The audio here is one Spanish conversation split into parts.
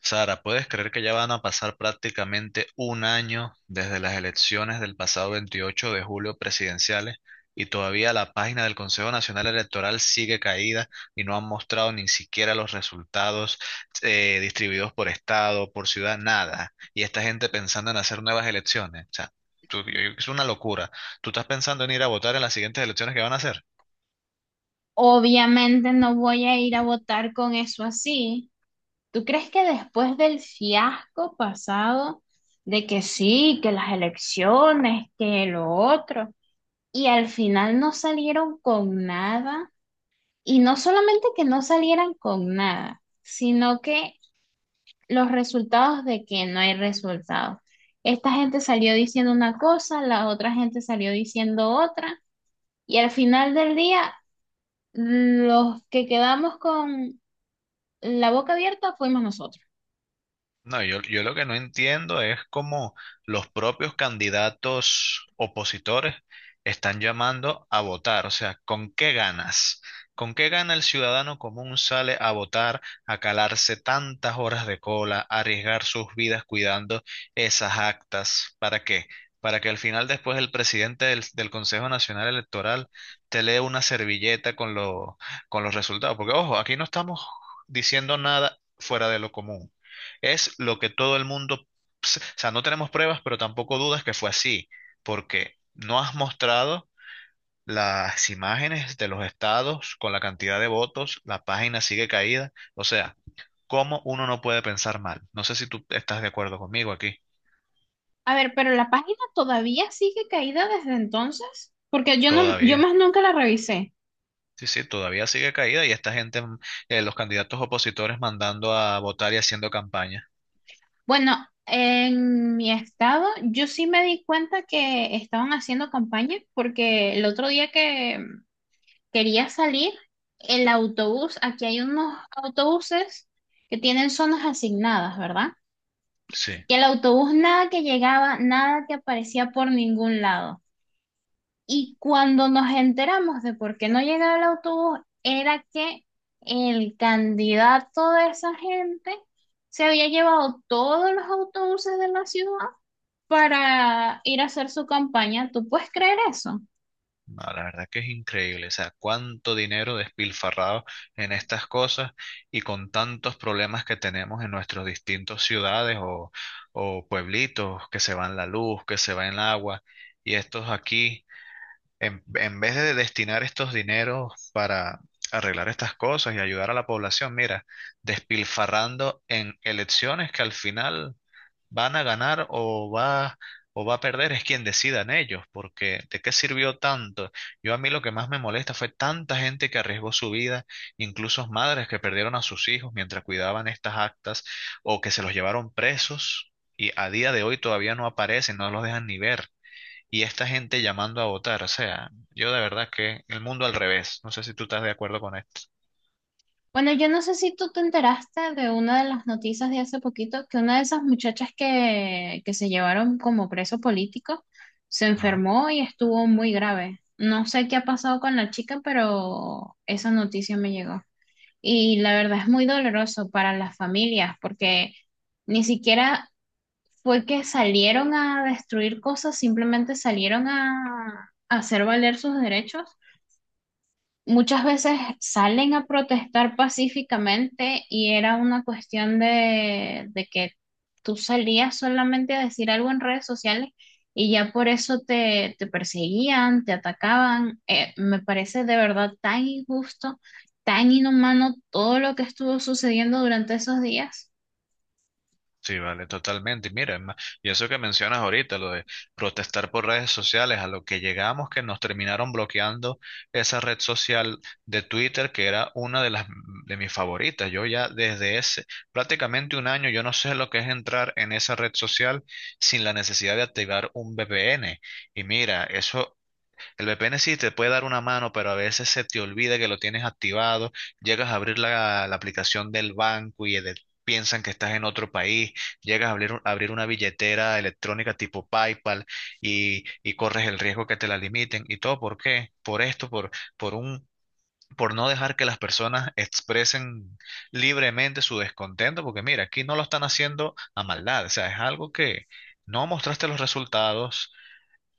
Sara, ¿puedes creer que ya van a pasar prácticamente un año desde las elecciones del pasado 28 de julio presidenciales y todavía la página del Consejo Nacional Electoral sigue caída y no han mostrado ni siquiera los resultados distribuidos por estado, por ciudad, nada? Y esta gente pensando en hacer nuevas elecciones. O sea, tú- yo- es una locura. ¿Tú estás pensando en ir a votar en las siguientes elecciones que van a hacer? Obviamente no voy a ir a votar con eso así. ¿Tú crees que después del fiasco pasado, de que sí, que las elecciones, que lo otro, y al final no salieron con nada, y no solamente que no salieran con nada, sino que los resultados de que no hay resultados? Esta gente salió diciendo una cosa, la otra gente salió diciendo otra, y al final del día, los que quedamos con la boca abierta fuimos nosotros. No, yo lo que no entiendo es cómo los propios candidatos opositores están llamando a votar. O sea, ¿con qué ganas? ¿Con qué gana el ciudadano común sale a votar, a calarse tantas horas de cola, a arriesgar sus vidas cuidando esas actas? ¿Para qué? Para que al final después el presidente del Consejo Nacional Electoral te lee una servilleta con, lo- con los resultados. Porque, ojo, aquí no estamos diciendo nada fuera de lo común. Es lo que todo el mundo, o sea, no tenemos pruebas, pero tampoco dudas que fue así, porque no has mostrado las imágenes de los estados con la cantidad de votos, la página sigue caída, o sea, ¿cómo uno no puede pensar mal? No sé si tú estás de acuerdo conmigo aquí, A ver, pero la página todavía sigue caída desde entonces, porque yo todavía. más nunca la revisé. Sí, sí, todavía sigue caída y esta gente, los candidatos opositores mandando a votar y haciendo campaña. Bueno, en mi estado, yo sí me di cuenta que estaban haciendo campaña, porque el otro día que quería salir, el autobús, aquí hay unos autobuses que tienen zonas asignadas, ¿verdad? Sí, Y el autobús nada que llegaba, nada que aparecía por ningún lado. Y cuando nos enteramos de por qué no llegaba el autobús, era que el candidato de esa gente se había llevado todos los autobuses de la ciudad para ir a hacer su campaña. ¿Tú puedes creer eso? no, la verdad que es increíble, o sea, cuánto dinero despilfarrado en estas cosas y con tantos problemas que tenemos en nuestras distintas ciudades o pueblitos, que se va en la luz, que se va en el agua, y estos aquí. En vez de destinar estos dineros para arreglar estas cosas y ayudar a la población, mira, despilfarrando en elecciones que al final van a ganar o va a perder, es quien decidan ellos, porque ¿de qué sirvió tanto? Yo a mí lo que más me molesta fue tanta gente que arriesgó su vida, incluso madres que perdieron a sus hijos mientras cuidaban estas actas o que se los llevaron presos. Y a día de hoy todavía no aparecen, no los dejan ni ver y esta gente llamando a votar. O sea, yo de verdad que el mundo al revés. No sé si tú estás de acuerdo con esto. Bueno, yo no sé si tú te enteraste de una de las noticias de hace poquito, que una de esas muchachas que se llevaron como preso político se Ajá. enfermó y estuvo muy grave. No sé qué ha pasado con la chica, pero esa noticia me llegó. Y la verdad es muy doloroso para las familias porque ni siquiera fue que salieron a destruir cosas, simplemente salieron a hacer valer sus derechos. Muchas veces salen a protestar pacíficamente y era una cuestión de que tú salías solamente a decir algo en redes sociales y ya por eso te perseguían, te atacaban. Me parece de verdad tan injusto, tan inhumano todo lo que estuvo sucediendo durante esos días. Sí, vale, totalmente. Y mira, es más, y eso que mencionas ahorita, lo de protestar por redes sociales, a lo que llegamos que nos terminaron bloqueando esa red social de Twitter, que era una de las de mis favoritas. Yo ya desde ese prácticamente un año, yo no sé lo que es entrar en esa red social sin la necesidad de activar un VPN. Y mira, eso. El VPN sí te puede dar una mano, pero a veces se te olvida que lo tienes activado, llegas a abrir la aplicación del banco y de- piensan que estás en otro país, llegas a abrir, un- abrir una billetera electrónica tipo PayPal y corres el riesgo que te la limiten. ¿Y todo por qué? Por esto, por un... por no dejar que las personas expresen libremente su descontento, porque mira, aquí no lo están haciendo a maldad, o sea, es algo que no mostraste los resultados,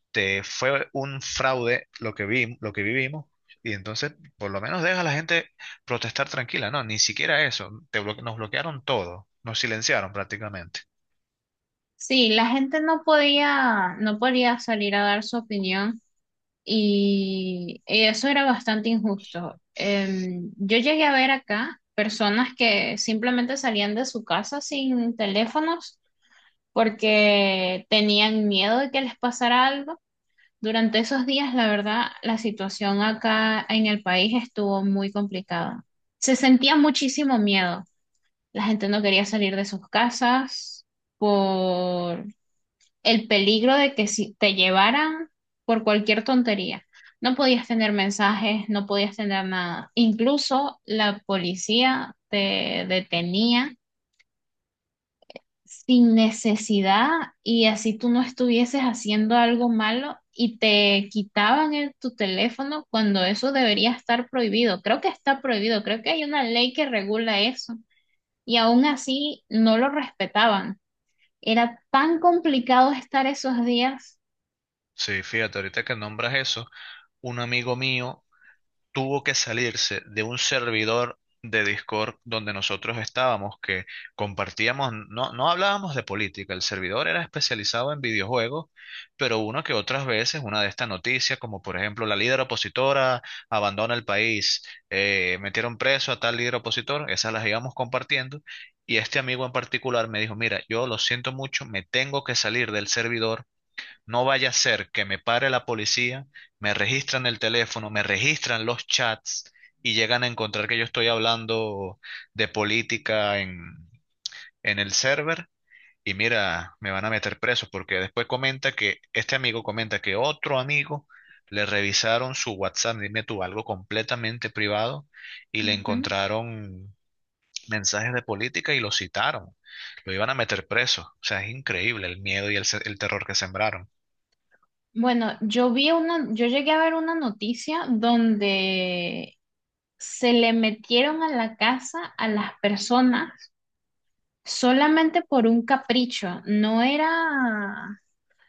este, fue un fraude lo que vi, lo que vivimos. Y entonces, por lo menos deja a la gente protestar tranquila. No, ni siquiera eso. Te bloque- nos bloquearon todo. Nos silenciaron prácticamente. Sí, la gente no podía salir a dar su opinión, y eso era bastante injusto. Yo llegué a ver acá personas que simplemente salían de su casa sin teléfonos porque tenían miedo de que les pasara algo. Durante esos días, la verdad, la situación acá en el país estuvo muy complicada. Se sentía muchísimo miedo. La gente no quería salir de sus casas por el peligro de que si te llevaran por cualquier tontería, no podías tener mensajes, no podías tener nada. Incluso la policía te detenía sin necesidad, y así tú no estuvieses haciendo algo malo, y te quitaban tu teléfono cuando eso debería estar prohibido. Creo que está prohibido, creo que hay una ley que regula eso y aún así no lo respetaban. Era tan complicado estar esos días. Sí, fíjate, ahorita que nombras eso, un amigo mío tuvo que salirse de un servidor de Discord donde nosotros estábamos, que compartíamos, no hablábamos de política, el servidor era especializado en videojuegos, pero uno que otras veces, una de estas noticias, como por ejemplo la líder opositora abandona el país, metieron preso a tal líder opositor, esas las íbamos compartiendo, y este amigo en particular me dijo, mira, yo lo siento mucho, me tengo que salir del servidor no vaya a ser que me pare la policía, me registran el teléfono, me registran los chats y llegan a encontrar que yo estoy hablando de política en el server. Y mira, me van a meter preso porque después comenta que este amigo comenta que otro amigo le revisaron su WhatsApp, dime tú, algo completamente privado y le encontraron mensajes de política y lo citaron. Lo iban a meter preso. O sea, es increíble el miedo y el, se- el terror que sembraron. Bueno, yo llegué a ver una noticia donde se le metieron a la casa a las personas solamente por un capricho.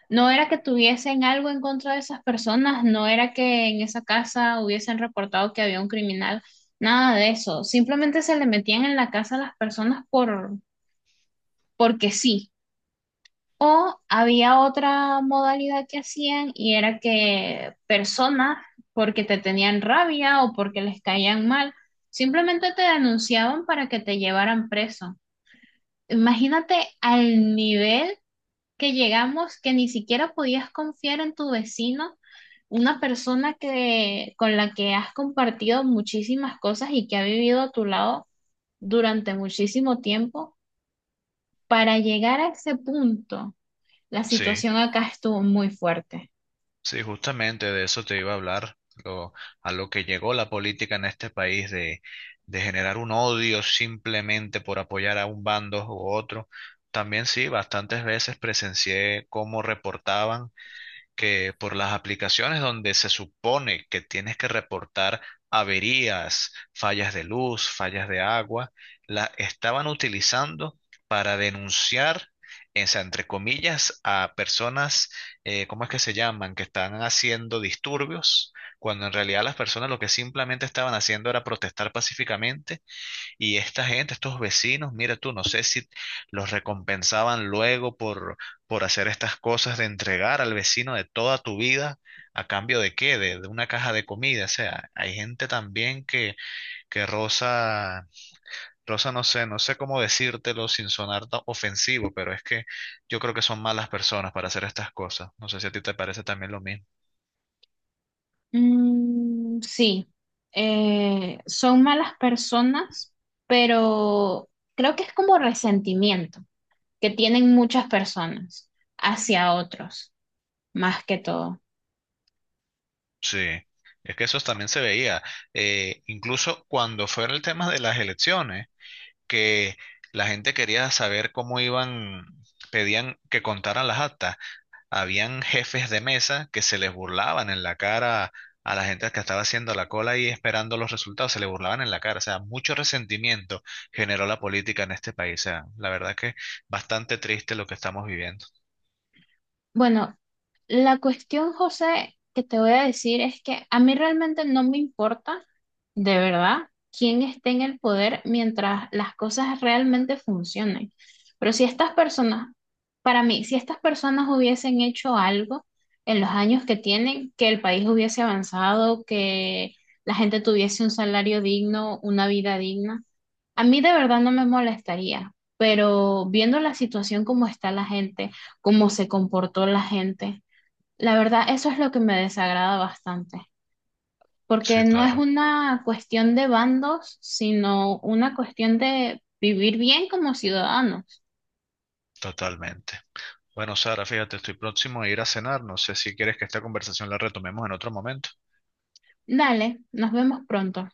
No era que tuviesen algo en contra de esas personas, no era que en esa casa hubiesen reportado que había un criminal, nada de eso. Simplemente se le metían en la casa a las personas porque sí. O había otra modalidad que hacían y era que personas, porque te tenían rabia o porque les caían mal, simplemente te denunciaban para que te llevaran preso. Imagínate al nivel que llegamos que ni siquiera podías confiar en tu vecino, una persona con la que has compartido muchísimas cosas y que ha vivido a tu lado durante muchísimo tiempo, para llegar a ese punto. La Sí. situación acá estuvo muy fuerte. Sí, justamente de eso te iba a hablar, lo- a lo que llegó la política en este país de generar un odio simplemente por apoyar a un bando u otro. También sí, bastantes veces presencié cómo reportaban que por las aplicaciones donde se supone que tienes que reportar averías, fallas de luz, fallas de agua, la estaban utilizando para denunciar, o sea, entre comillas, a personas, ¿cómo es que se llaman?, que están haciendo disturbios, cuando en realidad las personas lo que simplemente estaban haciendo era protestar pacíficamente y esta gente, estos vecinos, mira tú, no sé si los recompensaban luego por hacer estas cosas de entregar al vecino de toda tu vida, a cambio de qué, de una caja de comida. O sea, hay gente también que rosa, rosa, no sé, no sé cómo decírtelo sin sonar ta- ofensivo, pero es que yo creo que son malas personas para hacer estas cosas. No sé si a ti te parece también lo mismo. Mm, sí, son malas personas, pero creo que es como resentimiento que tienen muchas personas hacia otros, más que todo. Sí. Es que eso también se veía, incluso cuando fue el tema de las elecciones que la gente quería saber cómo iban, pedían que contaran las actas. Habían jefes de mesa que se les burlaban en la cara a la gente que estaba haciendo la cola y esperando los resultados, se les burlaban en la cara. O sea, mucho resentimiento generó la política en este país. O sea, la verdad que bastante triste lo que estamos viviendo. Bueno, la cuestión, José, que te voy a decir es que a mí realmente no me importa, de verdad, quién esté en el poder mientras las cosas realmente funcionen. Pero si estas personas, para mí, si estas personas hubiesen hecho algo en los años que tienen, que el país hubiese avanzado, que la gente tuviese un salario digno, una vida digna, a mí de verdad no me molestaría. Pero viendo la situación como está la gente, cómo se comportó la gente, la verdad eso es lo que me desagrada bastante Sí, porque no es claro, una cuestión de bandos, sino una cuestión de vivir bien como ciudadanos. totalmente. Bueno, Sara, fíjate, estoy próximo a ir a cenar. No sé si quieres que esta conversación la retomemos en otro momento. Dale, nos vemos pronto.